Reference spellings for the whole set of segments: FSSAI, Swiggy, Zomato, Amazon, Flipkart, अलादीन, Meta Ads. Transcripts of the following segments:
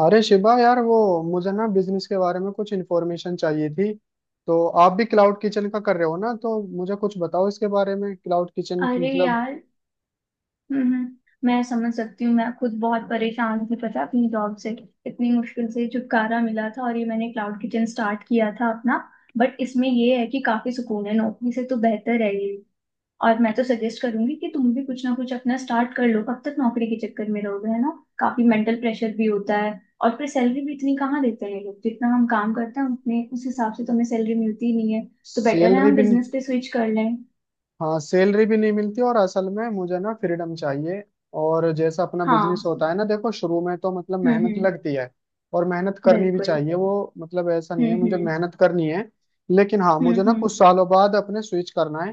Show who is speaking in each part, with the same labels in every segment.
Speaker 1: अरे शिवा यार, वो मुझे ना बिजनेस के बारे में कुछ इन्फॉर्मेशन चाहिए थी। तो आप भी क्लाउड किचन का कर रहे हो ना, तो मुझे कुछ बताओ इसके बारे में, क्लाउड किचन की
Speaker 2: अरे
Speaker 1: मतलब।
Speaker 2: यार। हम्म। मैं समझ सकती हूँ। मैं खुद बहुत परेशान थी, पता है, अपनी जॉब से। इतनी मुश्किल से छुटकारा मिला था और ये मैंने क्लाउड किचन स्टार्ट किया था अपना। बट इसमें ये है कि काफी सुकून है, नौकरी से तो बेहतर है ये। और मैं तो सजेस्ट करूंगी कि तुम भी कुछ ना कुछ अपना स्टार्ट कर लो। कब तक नौकरी के चक्कर में रहोगे, है ना। काफी मेंटल प्रेशर भी होता है। और फिर सैलरी भी इतनी कहाँ देते हैं ये लोग, जितना हम काम करते हैं उतने उस हिसाब से तो हमें सैलरी मिलती ही नहीं है। तो बेटर है
Speaker 1: सैलरी
Speaker 2: हम
Speaker 1: भी नहीं।
Speaker 2: बिजनेस पे स्विच कर लें।
Speaker 1: हाँ, सैलरी भी नहीं मिलती, और असल में मुझे ना फ्रीडम चाहिए। और जैसा अपना
Speaker 2: हाँ।
Speaker 1: बिजनेस होता है ना, देखो शुरू में तो मतलब मेहनत
Speaker 2: हम्म।
Speaker 1: लगती है। और मेहनत करनी भी
Speaker 2: बिल्कुल।
Speaker 1: चाहिए, वो मतलब ऐसा नहीं
Speaker 2: हम्म।
Speaker 1: है, मुझे मेहनत करनी है। लेकिन हाँ,
Speaker 2: हम्म।
Speaker 1: मुझे ना कुछ सालों बाद अपने स्विच करना है।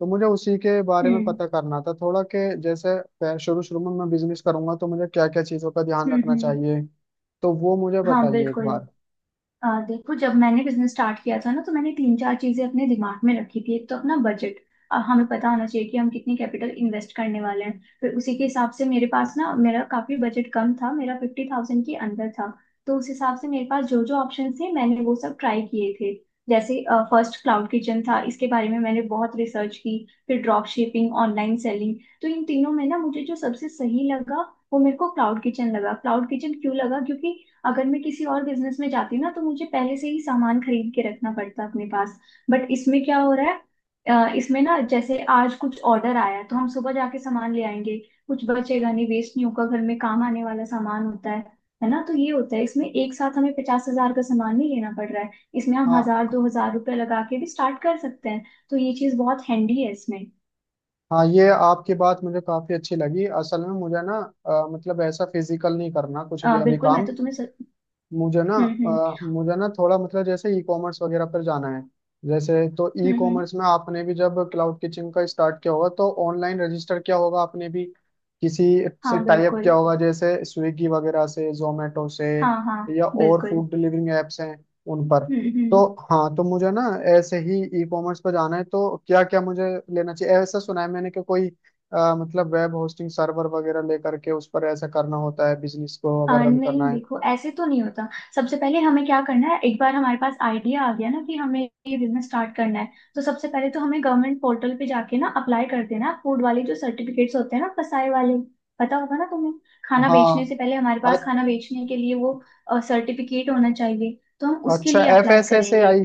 Speaker 1: तो मुझे उसी के बारे में
Speaker 2: हम्म,
Speaker 1: पता करना था थोड़ा, कि जैसे शुरू शुरू में मैं बिजनेस करूंगा तो मुझे क्या क्या चीज़ों का ध्यान रखना
Speaker 2: हम्म।
Speaker 1: चाहिए। तो वो मुझे
Speaker 2: हाँ
Speaker 1: बताइए एक
Speaker 2: बिल्कुल।
Speaker 1: बार।
Speaker 2: देखो, जब मैंने बिजनेस स्टार्ट किया था ना तो मैंने तीन चार चीजें अपने दिमाग में रखी थी, एक तो अपना बजट। हमें पता होना चाहिए कि हम कितनी कैपिटल इन्वेस्ट करने वाले हैं। फिर उसी के हिसाब से, मेरे पास ना, मेरा काफी बजट कम था, मेरा 50,000 के अंदर था। तो उस हिसाब से मेरे पास जो जो ऑप्शन थे मैंने वो सब ट्राई किए थे। जैसे, फर्स्ट क्लाउड किचन था, इसके बारे में मैंने बहुत रिसर्च की। फिर ड्रॉप शिपिंग, ऑनलाइन सेलिंग। तो इन तीनों में ना, मुझे जो सबसे सही लगा वो मेरे को क्लाउड किचन लगा। क्लाउड किचन क्यों लगा, क्योंकि अगर मैं किसी और बिजनेस में जाती ना तो मुझे पहले से ही सामान खरीद के रखना पड़ता अपने पास। बट इसमें क्या हो रहा है, इसमें ना, जैसे आज कुछ ऑर्डर आया है तो हम सुबह जाके सामान ले आएंगे। कुछ बचेगा नहीं, वेस्ट नहीं होगा, घर में काम आने वाला सामान होता है ना। तो ये होता है इसमें, एक साथ हमें 50,000 का सामान नहीं लेना पड़ रहा है। इसमें हम हजार
Speaker 1: हाँ,
Speaker 2: दो हजार रुपये लगा के भी स्टार्ट कर सकते हैं। तो ये चीज बहुत हैंडी है इसमें।
Speaker 1: हाँ, ये आपकी बात मुझे काफी अच्छी लगी। असल में मुझे ना मतलब ऐसा फिजिकल नहीं करना कुछ भी अभी
Speaker 2: बिल्कुल, मैं
Speaker 1: काम।
Speaker 2: तो तुम्हें
Speaker 1: मुझे ना
Speaker 2: हम्म।
Speaker 1: मुझे ना थोड़ा, मतलब जैसे ई कॉमर्स वगैरह पर जाना है। जैसे तो ई
Speaker 2: हम्म।
Speaker 1: कॉमर्स में आपने भी जब क्लाउड किचन का स्टार्ट किया होगा, तो ऑनलाइन रजिस्टर किया होगा आपने भी, किसी से
Speaker 2: हाँ
Speaker 1: टाई अप
Speaker 2: बिल्कुल।
Speaker 1: किया होगा जैसे स्विगी वगैरह से, जोमेटो से,
Speaker 2: हाँ हाँ।
Speaker 1: या और
Speaker 2: बिल्कुल।
Speaker 1: फूड डिलीवरिंग एप्स हैं उन पर। तो
Speaker 2: हम्म।
Speaker 1: हाँ, तो मुझे ना ऐसे ही ई कॉमर्स पर जाना है, तो क्या क्या मुझे लेना चाहिए। ऐसा सुना है मैंने कि कोई मतलब वेब होस्टिंग सर्वर वगैरह लेकर के उस पर ऐसा करना होता है बिजनेस को अगर रन करना
Speaker 2: नहीं,
Speaker 1: है।
Speaker 2: देखो ऐसे तो नहीं होता। सबसे पहले हमें क्या करना है, एक बार हमारे पास आइडिया आ गया ना कि हमें ये बिजनेस स्टार्ट करना है, तो सबसे पहले तो हमें गवर्नमेंट पोर्टल पे जाके ना अप्लाई कर देना, फूड वाले जो सर्टिफिकेट्स होते हैं ना, फसाए वाले। पता होगा ना तुम्हें। खाना बेचने
Speaker 1: हाँ।
Speaker 2: से पहले हमारे पास
Speaker 1: अ-
Speaker 2: खाना बेचने के लिए वो सर्टिफिकेट होना चाहिए, तो हम उसके
Speaker 1: अच्छा,
Speaker 2: लिए
Speaker 1: F
Speaker 2: apply
Speaker 1: S S A
Speaker 2: करेंगे।
Speaker 1: आई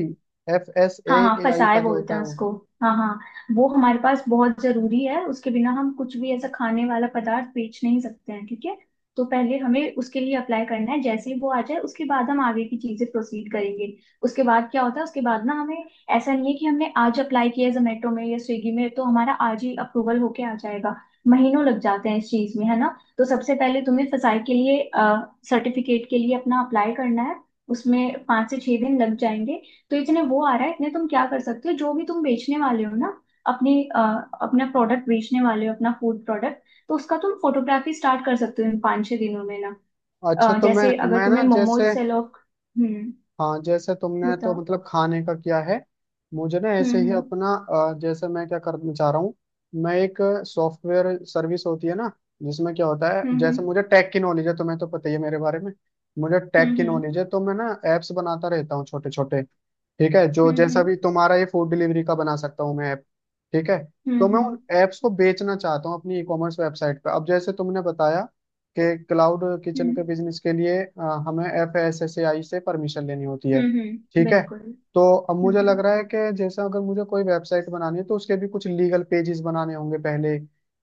Speaker 1: एफ एस
Speaker 2: हाँ हाँ,
Speaker 1: ए आई का
Speaker 2: फसाए
Speaker 1: जो होता
Speaker 2: बोलते हैं
Speaker 1: है वो।
Speaker 2: उसको। हाँ हाँ। वो हमारे पास बहुत जरूरी है, उसके बिना हम कुछ भी ऐसा खाने वाला पदार्थ बेच नहीं सकते हैं, ठीक है। तो पहले हमें उसके लिए अप्लाई करना है, जैसे ही वो आ जाए उसके बाद हम आगे की चीजें प्रोसीड करेंगे। उसके बाद क्या होता है, उसके बाद ना हमें, ऐसा नहीं है कि हमने आज अप्लाई किया जोमेटो में या स्विगी में तो हमारा आज ही अप्रूवल होके आ जाएगा। महीनों लग जाते हैं इस चीज में, है ना। तो सबसे पहले तुम्हें फसाई के लिए, सर्टिफिकेट के लिए अपना अप्लाई करना है। उसमें 5 से 6 दिन लग जाएंगे। तो इतने वो आ रहा है, इतने तुम क्या कर सकते हो, जो भी तुम बेचने वाले हो ना, अपनी अ, अपना प्रोडक्ट बेचने वाले हो, अपना फूड प्रोडक्ट। तो उसका तुम फोटोग्राफी स्टार्ट कर सकते हो इन 5 6 दिनों में ना।
Speaker 1: अच्छा तो मैं
Speaker 2: जैसे अगर
Speaker 1: मैं
Speaker 2: तुम्हें
Speaker 1: ना
Speaker 2: मोमोज
Speaker 1: जैसे,
Speaker 2: से लोग। हम्म।
Speaker 1: हाँ जैसे तुमने तो
Speaker 2: बताओ।
Speaker 1: मतलब खाने का किया है, मुझे ना ऐसे ही
Speaker 2: हम्म
Speaker 1: अपना, जैसे मैं क्या करना चाह रहा हूँ। मैं एक सॉफ्टवेयर सर्विस होती है ना, जिसमें क्या होता है,
Speaker 2: हम्म।
Speaker 1: जैसे मुझे टेक की नॉलेज है, तुम्हें तो पता ही है मेरे बारे में। मुझे टेक की
Speaker 2: हम्म।
Speaker 1: नॉलेज है, तो मैं ना एप्स बनाता रहता हूँ छोटे छोटे। ठीक है, जो
Speaker 2: हम्म।
Speaker 1: जैसा भी तुम्हारा ये फूड डिलीवरी का बना सकता हूँ मैं ऐप। ठीक है।
Speaker 2: हम्म।
Speaker 1: तो मैं उन ऐप्स को बेचना चाहता हूँ अपनी ई कॉमर्स वेबसाइट पर। अब जैसे तुमने बताया के क्लाउड किचन
Speaker 2: हम्म,
Speaker 1: के बिजनेस के लिए हमें FSSAI से परमिशन लेनी होती है। ठीक है।
Speaker 2: बिल्कुल।
Speaker 1: तो अब मुझे
Speaker 2: हम्म।
Speaker 1: लग रहा है कि जैसा अगर मुझे कोई वेबसाइट बनानी है, तो उसके भी कुछ लीगल पेजेस बनाने होंगे पहले।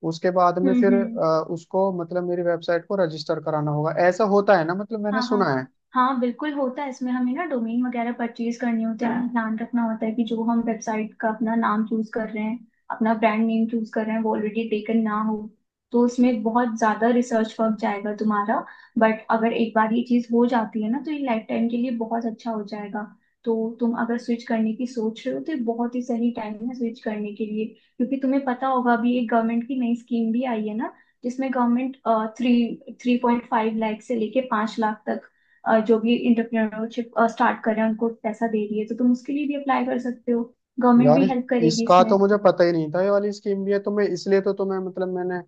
Speaker 1: उसके बाद में फिर
Speaker 2: हम्म।
Speaker 1: उसको, मतलब मेरी वेबसाइट को, रजिस्टर कराना होगा। ऐसा होता है ना? मतलब मैंने
Speaker 2: हाँ हाँ।
Speaker 1: सुना है।
Speaker 2: हाँ बिल्कुल होता है। इसमें हमें ना डोमेन वगैरह परचेज करने होते हैं। हमें ध्यान रखना होता है कि जो हम वेबसाइट का अपना नाम चूज कर रहे हैं, अपना ब्रांड नेम चूज कर रहे हैं, वो ऑलरेडी टेकन ना हो। तो उसमें बहुत ज्यादा रिसर्च वर्क जाएगा तुम्हारा। बट अगर एक बार ये चीज हो जाती है ना, तो ये लाइफ टाइम के लिए बहुत अच्छा हो जाएगा। तो तुम अगर स्विच करने की सोच रहे हो, तो ये बहुत ही सही टाइम है स्विच करने के लिए। क्योंकि तुम्हें पता होगा अभी एक गवर्नमेंट की नई स्कीम भी आई है ना। जिसमें गवर्नमेंट थ्री 3.5 लाख से लेके 5 लाख तक, जो भी इंटरप्रेन्योरशिप स्टार्ट कर रहे हैं उनको पैसा दे रही है। तो तुम उसके लिए भी अप्लाई कर सकते हो। गवर्नमेंट
Speaker 1: यार,
Speaker 2: भी हेल्प करेगी
Speaker 1: इसका
Speaker 2: इसमें।
Speaker 1: तो मुझे पता ही नहीं था, ये वाली स्कीम भी है। तो मैं इसलिए तो तुम्हें मतलब, मैंने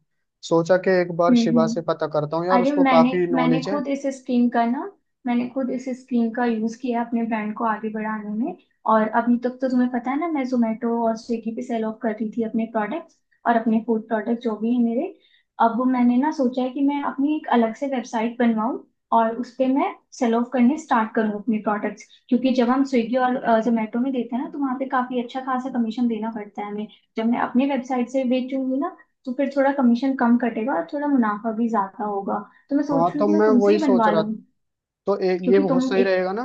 Speaker 1: सोचा कि एक बार शिवा से
Speaker 2: हम्म।
Speaker 1: पता करता हूँ यार,
Speaker 2: अरे,
Speaker 1: उसको
Speaker 2: मैंने
Speaker 1: काफी
Speaker 2: मैंने
Speaker 1: नॉलेज है।
Speaker 2: खुद इस स्कीम का ना मैंने खुद इस स्कीम का यूज किया अपने ब्रांड को आगे बढ़ाने में। और अभी तक तो तुम्हें पता है ना, मैं जोमेटो और स्विगी पे सेल ऑफ कर रही थी अपने प्रोडक्ट्स, और अपने फूड प्रोडक्ट जो भी है मेरे। अब मैंने ना सोचा है कि मैं अपनी एक अलग से वेबसाइट बनवाऊं और उस पे मैं सेल ऑफ करने स्टार्ट करूं अपने प्रोडक्ट्स, क्योंकि जब हम स्विगी और जोमेटो में देते हैं ना तो वहाँ पे काफी अच्छा खासा कमीशन देना पड़ता है हमें। जब मैं अपनी वेबसाइट से बेचूंगी ना, तो फिर थोड़ा कमीशन कम कटेगा और थोड़ा मुनाफा भी ज्यादा होगा। तो मैं सोच
Speaker 1: हाँ,
Speaker 2: रही हूँ
Speaker 1: तो
Speaker 2: कि मैं
Speaker 1: मैं
Speaker 2: तुमसे
Speaker 1: वही
Speaker 2: ही
Speaker 1: सोच
Speaker 2: बनवा
Speaker 1: रहा था,
Speaker 2: लूँ,
Speaker 1: तो ये
Speaker 2: क्योंकि तुम
Speaker 1: बहुत सही
Speaker 2: एक।
Speaker 1: रहेगा ना।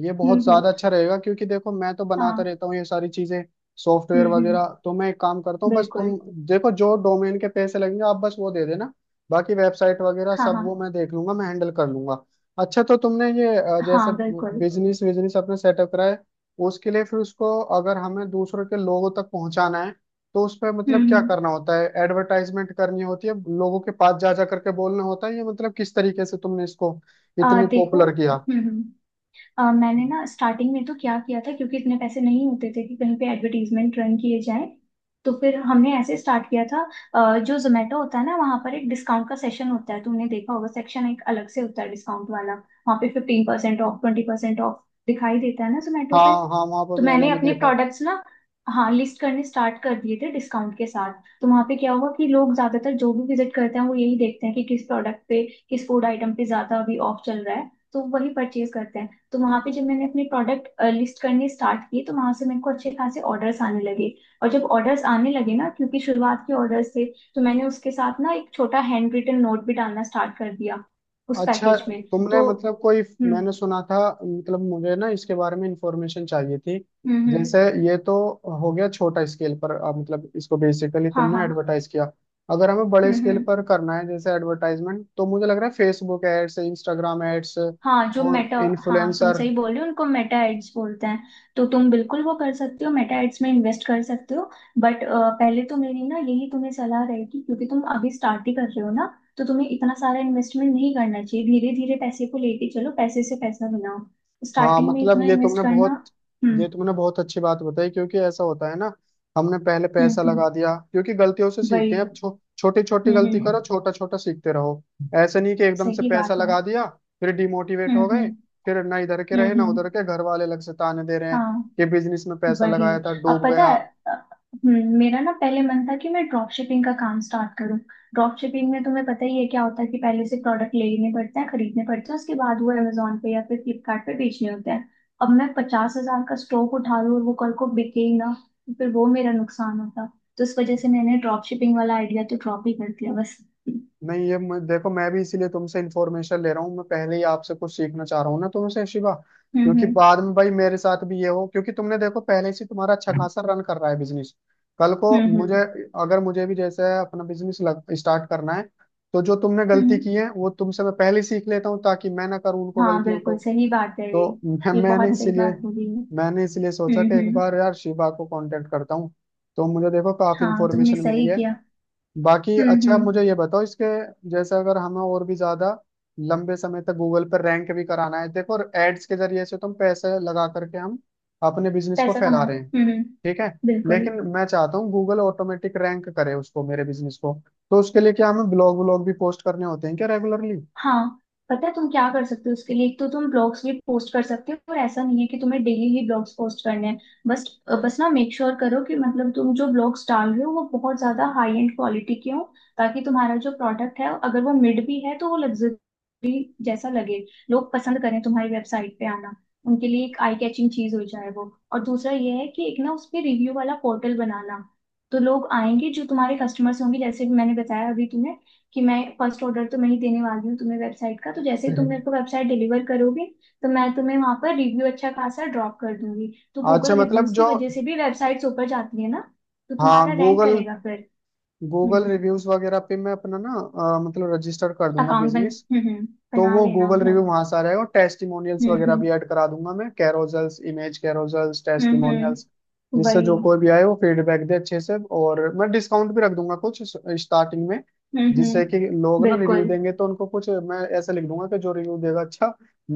Speaker 1: ये बहुत
Speaker 2: हम्म।
Speaker 1: ज्यादा अच्छा रहेगा, क्योंकि देखो मैं तो बनाता
Speaker 2: हाँ।
Speaker 1: रहता हूँ ये सारी चीजें, सॉफ्टवेयर
Speaker 2: हम्म।
Speaker 1: वगैरह। तो मैं एक काम करता हूँ, बस तुम
Speaker 2: बिल्कुल।
Speaker 1: देखो जो डोमेन के पैसे लगेंगे आप बस वो दे देना, बाकी वेबसाइट वगैरह
Speaker 2: हाँ
Speaker 1: सब
Speaker 2: हाँ।
Speaker 1: वो मैं देख लूंगा, मैं हैंडल कर लूंगा। अच्छा, तो तुमने ये जैसे
Speaker 2: हाँ बिल्कुल।
Speaker 1: बिजनेस बिजनेस अपने सेटअप करा है, उसके लिए फिर उसको, अगर हमें दूसरों के लोगों तक पहुंचाना है, तो उस पर मतलब क्या
Speaker 2: हम्म।
Speaker 1: करना होता है? एडवर्टाइजमेंट करनी होती है, लोगों के पास जा जा करके बोलना होता है ये, मतलब किस तरीके से तुमने इसको
Speaker 2: आ
Speaker 1: इतने
Speaker 2: देखो।
Speaker 1: पॉपुलर किया।
Speaker 2: हम्म। मैंने ना स्टार्टिंग में तो क्या किया था, क्योंकि इतने पैसे नहीं होते थे कि कहीं पे एडवर्टीजमेंट रन किए जाएं, तो फिर हमने ऐसे स्टार्ट किया था। जो जोमेटो होता है ना, वहाँ पर एक डिस्काउंट का सेशन होता है, तुमने देखा होगा, सेक्शन एक अलग से होता है डिस्काउंट वाला, वहाँ पे 15% ऑफ, 20% ऑफ दिखाई देता है ना जोमेटो
Speaker 1: हाँ,
Speaker 2: पे।
Speaker 1: हाँ, वहां पर
Speaker 2: तो
Speaker 1: मैंने
Speaker 2: मैंने
Speaker 1: भी
Speaker 2: अपने
Speaker 1: देखा है।
Speaker 2: प्रोडक्ट्स ना, हाँ, लिस्ट करने स्टार्ट कर दिए थे डिस्काउंट के साथ। तो वहाँ पे क्या हुआ कि लोग ज्यादातर जो भी विजिट करते हैं वो यही देखते हैं कि किस प्रोडक्ट पे, किस फूड आइटम पे ज्यादा अभी ऑफ चल रहा है, तो वही परचेज करते हैं। तो वहां पे जब मैंने अपने प्रोडक्ट लिस्ट करनी स्टार्ट की, तो वहां से मेरे को अच्छे खासे ऑर्डर्स आने लगे। और जब ऑर्डर्स आने लगे ना, क्योंकि शुरुआत के ऑर्डर्स थे, तो मैंने उसके साथ ना एक छोटा हैंड रिटन नोट भी डालना स्टार्ट कर दिया उस
Speaker 1: अच्छा,
Speaker 2: पैकेज में।
Speaker 1: तुमने
Speaker 2: तो।
Speaker 1: मतलब कोई,
Speaker 2: हम्म
Speaker 1: मैंने सुना था, मतलब मुझे ना इसके बारे में इंफॉर्मेशन चाहिए थी
Speaker 2: हम्म। हम्म।
Speaker 1: जैसे। ये तो हो गया छोटा स्केल पर, अब मतलब इसको बेसिकली
Speaker 2: हाँ
Speaker 1: तुमने
Speaker 2: हाँ।
Speaker 1: एडवर्टाइज किया। अगर हमें बड़े स्केल
Speaker 2: हम्म।
Speaker 1: पर करना है जैसे एडवर्टाइजमेंट, तो मुझे लग रहा है फेसबुक एड्स, इंस्टाग्राम एड्स
Speaker 2: हाँ जो
Speaker 1: और
Speaker 2: मेटा हाँ तुम
Speaker 1: इन्फ्लुएंसर।
Speaker 2: सही बोल रहे हो, उनको मेटा एड्स बोलते हैं। तो तुम बिल्कुल वो कर सकते हो, मेटा एड्स में इन्वेस्ट कर सकते हो। बट पहले तो मेरी ना यही तुम्हें सलाह रहेगी, क्योंकि तुम अभी स्टार्ट ही कर रहे हो ना, तो तुम्हें इतना सारा इन्वेस्टमेंट नहीं करना चाहिए। धीरे धीरे पैसे को लेके चलो, पैसे से पैसा बनाओ।
Speaker 1: हाँ
Speaker 2: स्टार्टिंग में
Speaker 1: मतलब
Speaker 2: इतना इन्वेस्ट करना। हम्म।
Speaker 1: ये तुमने बहुत अच्छी बात बताई, क्योंकि ऐसा होता है ना। हमने पहले पैसा
Speaker 2: हम्म।
Speaker 1: लगा दिया, क्योंकि गलतियों से सीखते
Speaker 2: वही।
Speaker 1: हैं। अब छोटी छोटी गलती
Speaker 2: हम्म।
Speaker 1: करो, छोटा छोटा सीखते रहो। ऐसे नहीं कि एकदम से
Speaker 2: सही
Speaker 1: पैसा
Speaker 2: बात है।
Speaker 1: लगा दिया, फिर डिमोटिवेट हो गए,
Speaker 2: हम्म।
Speaker 1: फिर ना इधर के रहे ना उधर
Speaker 2: हम्म।
Speaker 1: के, घर वाले अलग से ताने दे रहे हैं
Speaker 2: हाँ।
Speaker 1: कि बिजनेस में पैसा
Speaker 2: वही।
Speaker 1: लगाया था
Speaker 2: अब
Speaker 1: डूब
Speaker 2: पता
Speaker 1: गया।
Speaker 2: है, अ, मेरा ना पहले मन था कि मैं ड्रॉप शिपिंग का काम स्टार्ट करूं। ड्रॉप शिपिंग में तुम्हें पता ही है क्या होता है, कि पहले से प्रोडक्ट लेने पड़ते हैं, खरीदने पड़ते हैं, उसके बाद वो अमेजोन पे या फिर फ्लिपकार्ट पे बेचने होते हैं। अब मैं 50,000 का स्टॉक उठा लूं और वो कल को बिके ही ना, तो फिर वो मेरा नुकसान होता। तो इस वजह से मैंने ड्रॉप शिपिंग वाला आइडिया तो ड्रॉप ही कर दिया, बस। हम्म।
Speaker 1: नहीं, देखो मैं भी इसीलिए तुमसे इन्फॉर्मेशन ले रहा हूँ, मैं पहले ही आपसे कुछ सीखना चाह रहा हूँ ना तुमसे शिवा। क्योंकि
Speaker 2: हम्म
Speaker 1: बाद में भाई मेरे साथ भी ये हो, क्योंकि तुमने देखो पहले से तुम्हारा अच्छा खासा रन कर रहा है बिजनेस। कल
Speaker 2: हम्म।
Speaker 1: को मुझे, अगर मुझे भी जैसे अपना बिजनेस लग स्टार्ट करना है, तो जो तुमने गलती
Speaker 2: हम्म।
Speaker 1: की है वो तुमसे मैं पहले ही सीख लेता हूँ ताकि मैं ना करूँ उनको
Speaker 2: हाँ
Speaker 1: गलतियों को।
Speaker 2: बिल्कुल, सही बात है ये।
Speaker 1: तो मैं,
Speaker 2: ये
Speaker 1: मैंने
Speaker 2: बहुत सही
Speaker 1: इसीलिए
Speaker 2: बात बोली है।
Speaker 1: मैंने इसलिए सोचा कि एक
Speaker 2: हम्म।
Speaker 1: बार यार शिवा को कांटेक्ट करता हूँ। तो मुझे देखो काफी
Speaker 2: हाँ, तुमने
Speaker 1: इन्फॉर्मेशन मिली
Speaker 2: सही
Speaker 1: है।
Speaker 2: किया।
Speaker 1: बाकी अच्छा,
Speaker 2: हम्म।
Speaker 1: मुझे ये बताओ इसके, जैसे अगर हमें और भी ज्यादा लंबे समय तक गूगल पर रैंक भी कराना है, देखो एड्स के जरिए से तुम पैसे लगा करके हम अपने बिजनेस को
Speaker 2: पैसा
Speaker 1: फैला
Speaker 2: कमाओ।
Speaker 1: रहे हैं ठीक है।
Speaker 2: बिल्कुल।
Speaker 1: लेकिन मैं चाहता हूँ गूगल ऑटोमेटिक रैंक करे उसको, मेरे बिजनेस को। तो उसके लिए क्या हमें ब्लॉग व्लॉग भी पोस्ट करने होते हैं क्या रेगुलरली?
Speaker 2: हाँ, पता है तुम क्या कर सकते हो उसके लिए। एक तो तुम ब्लॉग्स भी पोस्ट कर सकते हो, और ऐसा नहीं है कि तुम्हें डेली ही ब्लॉग्स पोस्ट करने हैं। बस, बस ना मेक श्योर करो कि मतलब तुम जो ब्लॉग्स डाल रहे हो वो बहुत ज्यादा हाई एंड क्वालिटी के हो। ताकि तुम्हारा जो प्रोडक्ट है, अगर वो मिड भी है, तो वो लग्जरी जैसा लगे। लोग पसंद करें तुम्हारी वेबसाइट पे आना। उनके लिए एक आई कैचिंग चीज हो जाए वो। और दूसरा ये है कि एक ना उस पे रिव्यू वाला पोर्टल बनाना। तो लोग आएंगे जो तुम्हारे कस्टमर्स होंगे, जैसे कि मैंने बताया अभी तुम्हें कि मैं फर्स्ट ऑर्डर तो मैं ही देने वाली हूँ तुम्हें वेबसाइट का, तो जैसे ही तुम मेरे को वेबसाइट डिलीवर करोगे, तो मैं तुम्हें वहां पर रिव्यू अच्छा खासा ड्रॉप कर दूंगी। तो
Speaker 1: अच्छा
Speaker 2: गूगल
Speaker 1: मतलब
Speaker 2: रिव्यूज की
Speaker 1: जो,
Speaker 2: वजह से भी वेबसाइट्स ऊपर जाती है ना, तो तुम्हारा
Speaker 1: हाँ
Speaker 2: रैंक
Speaker 1: गूगल
Speaker 2: करेगा फिर।
Speaker 1: गूगल
Speaker 2: हम्म।
Speaker 1: रिव्यूज वगैरह पे मैं अपना ना मतलब रजिस्टर कर दूंगा
Speaker 2: अकाउंट बन
Speaker 1: बिजनेस। तो
Speaker 2: बना
Speaker 1: वो
Speaker 2: लेना
Speaker 1: गूगल
Speaker 2: उधर।
Speaker 1: रिव्यू वहां से आ जाएगा, और टेस्टिमोनियल्स वगैरह
Speaker 2: हम्म।
Speaker 1: भी ऐड करा दूंगा मैं, कैरोजल्स, इमेज कैरोजल्स,
Speaker 2: हम्म
Speaker 1: टेस्टिमोनियल्स,
Speaker 2: हम्म,
Speaker 1: जिससे
Speaker 2: वही।
Speaker 1: जो कोई भी आए वो फीडबैक दे अच्छे से। और मैं डिस्काउंट भी रख दूंगा कुछ स्टार्टिंग में,
Speaker 2: हम्म।
Speaker 1: जिससे कि लोग ना रिव्यू
Speaker 2: बिल्कुल।
Speaker 1: देंगे तो उनको कुछ मैं ऐसा लिख दूंगा कि जो रिव्यू देगा अच्छा,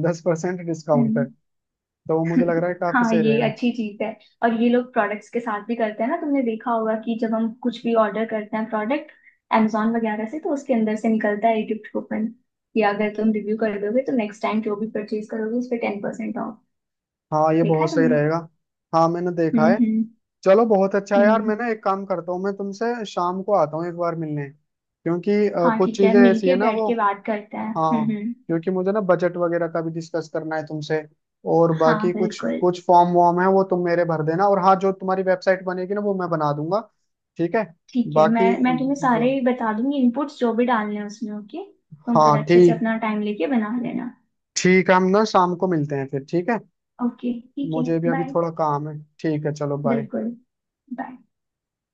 Speaker 1: 10% डिस्काउंट
Speaker 2: हम्म।
Speaker 1: है। तो वो मुझे लग रहा है काफी
Speaker 2: हाँ,
Speaker 1: सही
Speaker 2: ये
Speaker 1: रहेगा।
Speaker 2: अच्छी चीज है। और ये लोग प्रोडक्ट्स के साथ भी करते हैं ना, तुमने देखा होगा कि जब हम कुछ भी ऑर्डर करते हैं प्रोडक्ट, amazon वगैरह से, तो उसके अंदर से निकलता है एक गिफ्ट कूपन कि अगर तुम रिव्यू कर दोगे तो नेक्स्ट टाइम जो भी परचेज करोगे उस पर 10% ऑफ।
Speaker 1: हाँ ये
Speaker 2: देखा
Speaker 1: बहुत
Speaker 2: है
Speaker 1: सही
Speaker 2: तुमने।
Speaker 1: रहेगा। हाँ, मैंने देखा है।
Speaker 2: हम्म।
Speaker 1: चलो, बहुत अच्छा है यार। मैं
Speaker 2: हम्म।
Speaker 1: ना एक काम करता हूँ, मैं तुमसे शाम को आता हूँ एक बार मिलने, क्योंकि
Speaker 2: हाँ
Speaker 1: कुछ
Speaker 2: ठीक है,
Speaker 1: चीजें ऐसी
Speaker 2: मिलके
Speaker 1: है ना
Speaker 2: बैठ
Speaker 1: वो।
Speaker 2: के बात करते हैं।
Speaker 1: हाँ,
Speaker 2: हम्म।
Speaker 1: क्योंकि मुझे ना बजट वगैरह का भी डिस्कस करना है तुमसे, और
Speaker 2: हाँ
Speaker 1: बाकी कुछ
Speaker 2: बिल्कुल।
Speaker 1: कुछ फॉर्म वॉर्म है वो तुम मेरे भर देना। और हाँ, जो तुम्हारी वेबसाइट बनेगी ना, वो मैं बना दूंगा। ठीक है।
Speaker 2: ठीक है, मैं
Speaker 1: बाकी
Speaker 2: मैं तुम्हें सारे बता दूंगी इनपुट्स जो भी डालने हैं उसमें, ओके। तुम फिर
Speaker 1: हाँ
Speaker 2: अच्छे से
Speaker 1: ठीक।
Speaker 2: अपना टाइम लेके बना लेना।
Speaker 1: ठीक है, हम ना शाम को मिलते हैं फिर। ठीक है,
Speaker 2: ओके, ठीक है।
Speaker 1: मुझे भी अभी
Speaker 2: बाय।
Speaker 1: थोड़ा काम है। ठीक है, चलो बाय।
Speaker 2: बिल्कुल। बाय।